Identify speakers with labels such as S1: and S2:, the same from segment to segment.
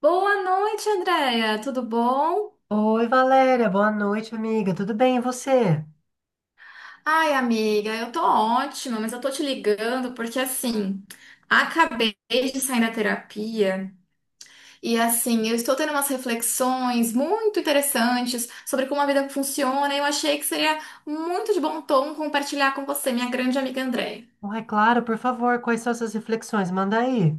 S1: Boa noite, Andréia. Tudo bom?
S2: Oi, Valéria, boa noite, amiga. Tudo bem, e você?
S1: Ai, amiga, eu tô ótima, mas eu tô te ligando porque assim, acabei de sair da terapia e assim, eu estou tendo umas reflexões muito interessantes sobre como a vida funciona e eu achei que seria muito de bom tom compartilhar com você, minha grande amiga Andréia.
S2: Ai, claro, por favor, quais são essas reflexões? Manda aí.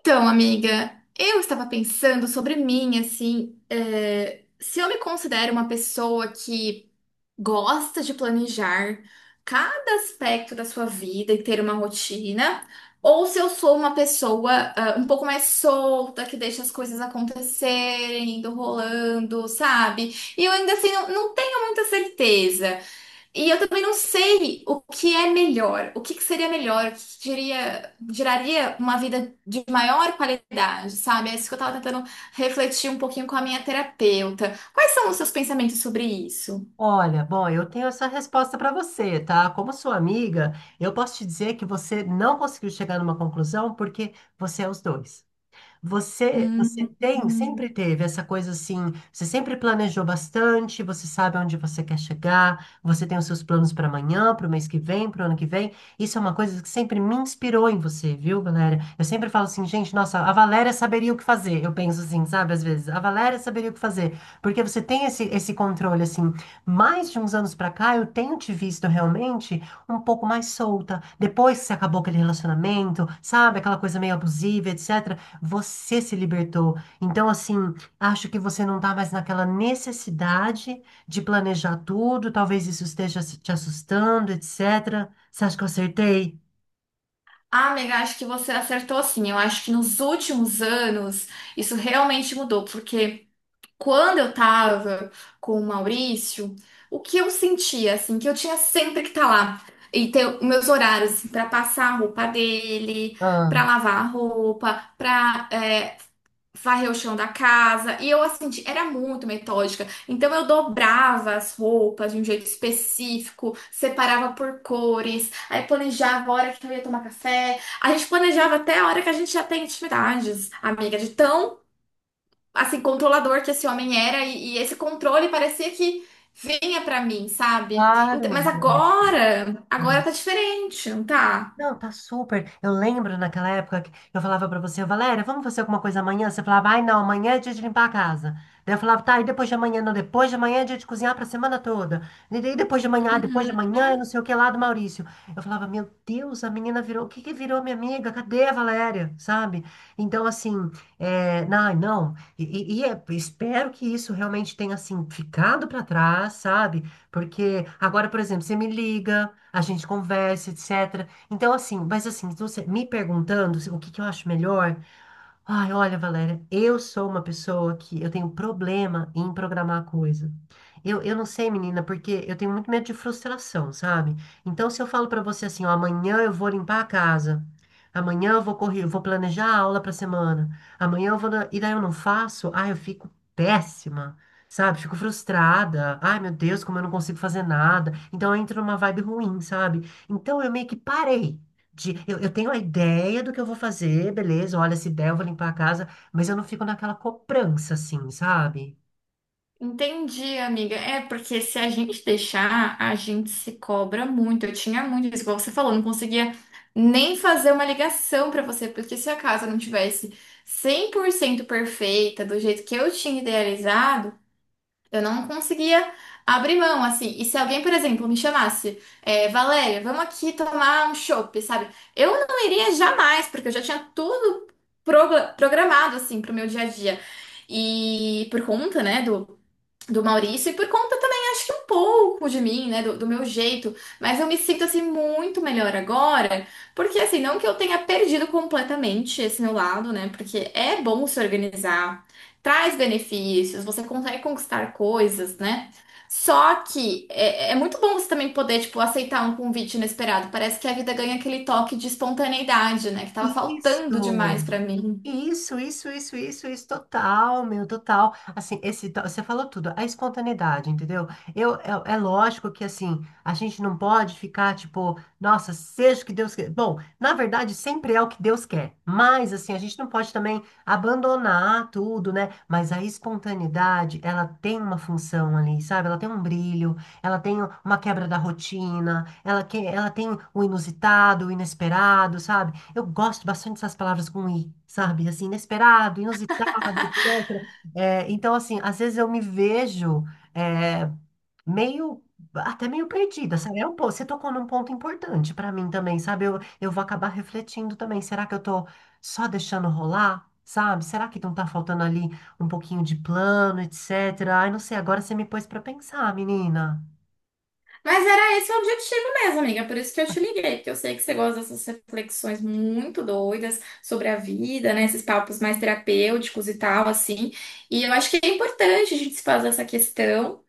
S1: Então, amiga, eu estava pensando sobre mim, assim, se eu me considero uma pessoa que gosta de planejar cada aspecto da sua vida e ter uma rotina, ou se eu sou uma pessoa, ah, um pouco mais solta, que deixa as coisas acontecerem, indo rolando, sabe? E eu ainda assim não tenho muita certeza. E eu também não sei o que é melhor, o que que seria melhor, o que que geraria uma vida de maior qualidade, sabe? É isso que eu tava tentando refletir um pouquinho com a minha terapeuta. Quais são os seus pensamentos sobre isso?
S2: Olha, bom, eu tenho essa resposta para você, tá? Como sua amiga, eu posso te dizer que você não conseguiu chegar numa conclusão porque você é os dois. Você
S1: Hum,
S2: tem, sempre
S1: hum.
S2: teve essa coisa assim, você sempre planejou bastante, você sabe onde você quer chegar, você tem os seus planos para amanhã, para o mês que vem, para o ano que vem. Isso é uma coisa que sempre me inspirou em você, viu, Valéria? Eu sempre falo assim, gente, nossa, a Valéria saberia o que fazer. Eu penso assim, sabe, às vezes, a Valéria saberia o que fazer, porque você tem esse controle assim. Mais de uns anos para cá, eu tenho te visto realmente um pouco mais solta. Depois que você acabou aquele relacionamento, sabe, aquela coisa meio abusiva, etc. Você se libertou. Então, assim, acho que você não está mais naquela necessidade de planejar tudo. Talvez isso esteja te assustando, etc. Você acha que eu acertei?
S1: Ah, amiga, acho que você acertou sim. Eu acho que nos últimos anos isso realmente mudou, porque. Quando eu tava com o Maurício, o que eu sentia, assim, que eu tinha sempre que estar tá lá e ter os meus horários, assim, pra passar a roupa dele,
S2: Ah,
S1: pra lavar a roupa, pra varrer o chão da casa. E eu, assim, era muito metódica. Então, eu dobrava as roupas de um jeito específico, separava por cores, aí planejava a hora que eu ia tomar café. A gente planejava até a hora que a gente já tem intimidades, amiga, de tão assim, controlador que esse homem era e esse controle parecia que vinha pra mim, sabe? Então,
S2: claro.
S1: mas agora, agora tá diferente, não tá?
S2: Não, tá super. Eu lembro naquela época que eu falava pra você, Valéria, vamos fazer alguma coisa amanhã? Você falava, ai não, amanhã é dia de limpar a casa. Daí eu falava, tá, e depois de amanhã? Não, depois de amanhã é dia de cozinhar pra semana toda. E daí depois de amanhã, ah, depois de
S1: Uhum.
S2: amanhã, eu não sei o que lá do Maurício. Eu falava, meu Deus, a menina virou, o que que virou minha amiga? Cadê a Valéria? Sabe? Então, assim, é, não. Espero que isso realmente tenha, assim, ficado pra trás, sabe? Porque agora, por exemplo, você me liga, a gente conversa, etc. Então, assim, mas assim, se você me perguntando o que que eu acho melhor, ai, olha, Valéria, eu sou uma pessoa que eu tenho problema em programar coisa. Eu não sei, menina, porque eu tenho muito medo de frustração, sabe? Então, se eu falo pra você assim, ó, amanhã eu vou limpar a casa, amanhã eu vou correr, eu vou planejar a aula pra semana, amanhã e daí eu não faço, ai, eu fico péssima. Sabe, fico frustrada. Ai, meu Deus, como eu não consigo fazer nada. Então, eu entro numa vibe ruim, sabe? Então eu meio que eu tenho a ideia do que eu vou fazer, beleza, olha, se der, eu vou limpar a casa, mas eu não fico naquela cobrança, assim, sabe?
S1: Entendi, amiga. É porque se a gente deixar, a gente se cobra muito. Eu tinha muito isso, igual você falou, não conseguia nem fazer uma ligação pra você, porque se a casa não tivesse 100% perfeita, do jeito que eu tinha idealizado, eu não conseguia abrir mão, assim. E se alguém, por exemplo, me chamasse, Valéria, vamos aqui tomar um chopp, sabe? Eu não iria jamais, porque eu já tinha tudo programado, assim, pro meu dia a dia. E por conta, né, do Maurício e por conta também, acho que um pouco de mim, né, do meu jeito, mas eu me sinto assim muito melhor agora, porque assim, não que eu tenha perdido completamente esse meu lado, né, porque é bom se organizar, traz benefícios, você consegue conquistar coisas, né? Só que é muito bom você também poder, tipo, aceitar um convite inesperado. Parece que a vida ganha aquele toque de espontaneidade, né? Que tava
S2: Isso!
S1: faltando demais pra mim.
S2: Isso, total, meu, total. Assim, você falou tudo, a espontaneidade, entendeu? Eu, é lógico que, assim, a gente não pode ficar, tipo, nossa, seja o que Deus quer. Bom, na verdade, sempre é o que Deus quer, mas, assim, a gente não pode também abandonar tudo, né? Mas a espontaneidade, ela tem uma função ali, sabe? Ela tem um brilho, ela tem uma quebra da rotina, ela tem o inusitado, o inesperado, sabe? Eu gosto bastante dessas palavras com i, sabe? Assim, inesperado, inusitado, etc. É, então, assim, às vezes eu me vejo é, meio, até meio perdida, sabe? Você tocou num ponto importante para mim também, sabe? Eu vou acabar refletindo também. Será que eu tô só deixando rolar, sabe? Será que não tá faltando ali um pouquinho de plano, etc? Ai, não sei, agora você me pôs para pensar, menina.
S1: Mas era esse o objetivo mesmo, amiga. Por isso que eu te liguei, porque eu sei que você gosta dessas reflexões muito doidas sobre a vida, né? Esses papos mais terapêuticos e tal, assim. E eu acho que é importante a gente se fazer essa questão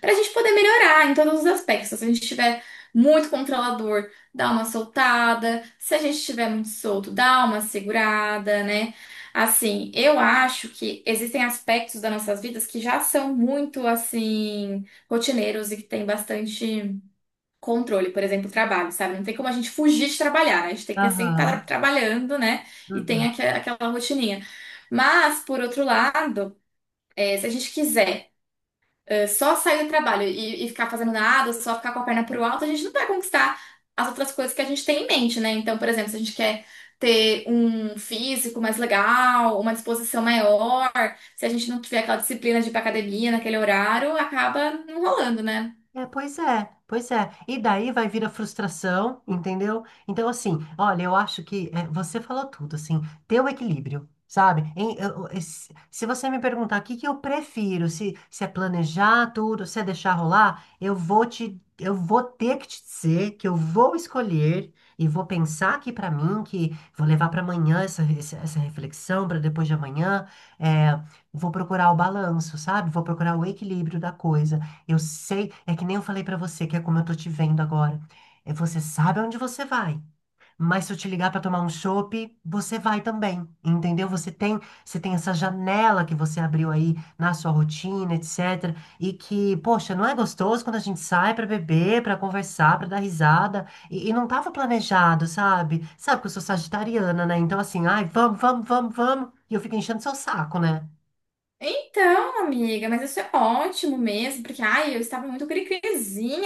S1: para a gente poder melhorar em todos os aspectos. Se a gente estiver muito controlador, dá uma soltada. Se a gente estiver muito solto, dá uma segurada, né? Assim, eu acho que existem aspectos das nossas vidas que já são muito, assim, rotineiros e que tem bastante controle, por exemplo, trabalho, sabe? Não tem como a gente fugir de trabalhar, né? A gente tem que sempre estar
S2: Aham.
S1: trabalhando, né? E tem
S2: Uhum.
S1: aquela rotininha. Mas, por outro lado, se a gente quiser só sair do trabalho e ficar fazendo nada, só ficar com a perna pro alto, a gente não vai conquistar as outras coisas que a gente tem em mente, né? Então, por exemplo, se a gente quer ter um físico mais legal, uma disposição maior, se a gente não tiver aquela disciplina de ir pra academia naquele horário, acaba não rolando, né?
S2: É, pois é, pois é. E daí vai vir a frustração, entendeu? Então, assim, olha, eu acho que é, você falou tudo, assim, ter o equilíbrio, sabe? Se você me perguntar o que que eu prefiro, se é planejar tudo, se é deixar rolar, eu vou ter que te dizer que eu vou escolher e vou pensar aqui pra mim, que vou levar pra amanhã essa reflexão, pra depois de amanhã, é, vou procurar o balanço, sabe? Vou procurar o equilíbrio da coisa. Eu sei, é que nem eu falei pra você, que é como eu tô te vendo agora. É, você sabe aonde você vai, mas se eu te ligar pra tomar um chopp, você vai também, entendeu? Você tem essa janela que você abriu aí na sua rotina, etc. E que, poxa, não é gostoso quando a gente sai pra beber, pra conversar, pra dar risada. E não tava planejado, sabe? Sabe que eu sou sagitariana, né? Então assim, ai, vamos, vamos, vamos, vamos. E eu fico enchendo seu saco, né?
S1: Então, amiga, mas isso é ótimo mesmo, porque ai, eu estava muito cri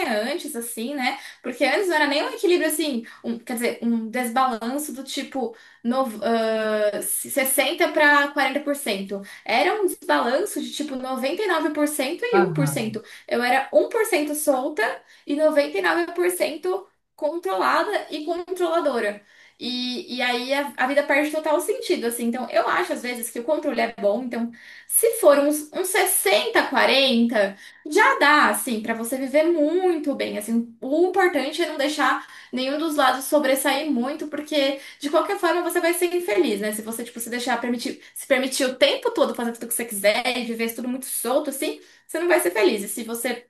S1: antes, assim, né? Porque antes não era nem um equilíbrio assim, quer dizer, um desbalanço do tipo 60 para quarenta por cento. Era um desbalanço de tipo noventa e nove por cento e um por
S2: Aham.
S1: cento Eu era 1% solta e 99% controlada e controladora. E aí a vida perde total sentido, assim. Então, eu acho às vezes que o controle é bom, então se for uns, uns 60, 40, já dá, assim, pra você viver muito bem, assim. O importante é não deixar nenhum dos lados sobressair muito, porque de qualquer forma você vai ser infeliz, né? Se você, tipo, se deixar permitir, se permitir o tempo todo fazer tudo que você quiser e viver tudo muito solto, assim, você não vai ser feliz. E se você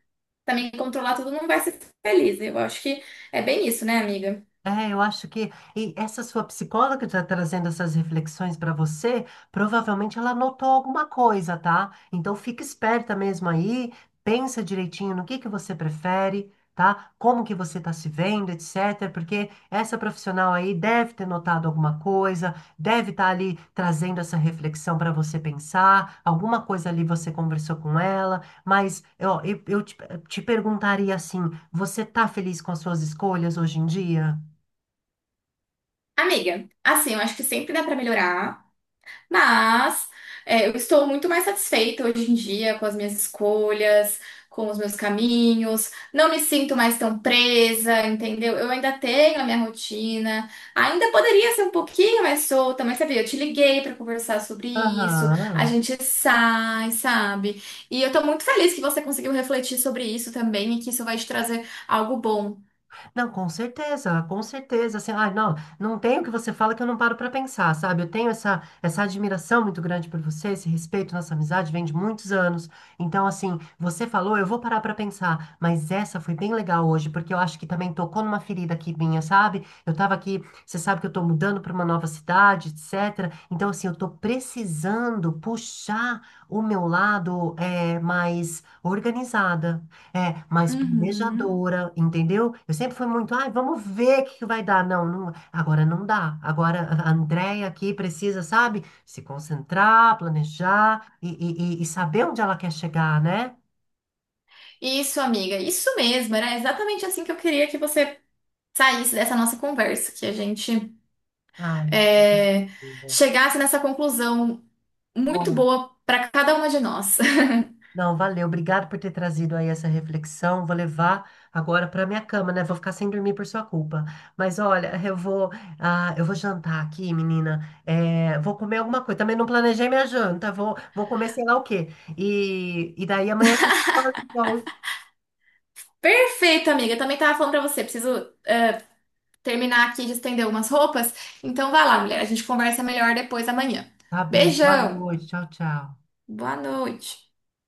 S1: também controlar tudo, não vai ser feliz. Eu acho que é bem isso, né, amiga?
S2: É, eu acho que e essa sua psicóloga que está trazendo essas reflexões para você, provavelmente ela notou alguma coisa, tá? Então fica esperta mesmo aí, pensa direitinho no que você prefere, tá? Como que você está se vendo, etc. Porque essa profissional aí deve ter notado alguma coisa, deve estar ali trazendo essa reflexão para você pensar, alguma coisa ali você conversou com ela, mas ó, te perguntaria assim, você tá feliz com as suas escolhas hoje em dia?
S1: Amiga, assim, eu acho que sempre dá pra melhorar. Mas eu estou muito mais satisfeita hoje em dia com as minhas escolhas, com os meus caminhos. Não me sinto mais tão presa, entendeu? Eu ainda tenho a minha rotina. Ainda poderia ser um pouquinho mais solta, mas sabe, eu te liguei para conversar sobre isso. A
S2: Aham.
S1: gente sai, sabe? E eu tô muito feliz que você conseguiu refletir sobre isso também e que isso vai te trazer algo bom.
S2: Não, com certeza, com certeza. Assim, ai, não, não tem o que você fala que eu não paro para pensar, sabe? Eu tenho essa admiração muito grande por você, esse respeito, nossa amizade vem de muitos anos. Então, assim, você falou, eu vou parar para pensar, mas essa foi bem legal hoje, porque eu acho que também tocou numa ferida aqui minha, sabe? Eu tava aqui, você sabe que eu tô mudando para uma nova cidade, etc. Então, assim, eu tô precisando puxar o meu lado é, mais organizada. É, mais
S1: Uhum.
S2: planejadora, entendeu? Eu sempre fui muito, ai, vamos ver o que que vai dar. Não, não, agora não dá. Agora a Andréia aqui precisa, sabe, se concentrar, planejar e saber onde ela quer chegar, né?
S1: Isso, amiga, isso mesmo. Era exatamente assim que eu queria que você saísse dessa nossa conversa, que a gente
S2: Ai,
S1: é, chegasse nessa conclusão muito
S2: ó,
S1: boa para cada uma de nós.
S2: não, valeu. Obrigado por ter trazido aí essa reflexão. Vou levar agora para minha cama, né? Vou ficar sem dormir por sua culpa. Mas olha, eu vou jantar aqui, menina. É, vou comer alguma coisa. Também não planejei minha janta. Vou comer sei lá o quê. E daí amanhã a gente fala, então.
S1: Perfeito, amiga. Eu também tava falando para você, preciso terminar aqui de estender algumas roupas. Então vai lá, mulher. A gente conversa melhor depois amanhã.
S2: Tá bem. Boa
S1: Beijão.
S2: noite. Tchau, tchau.
S1: Boa noite.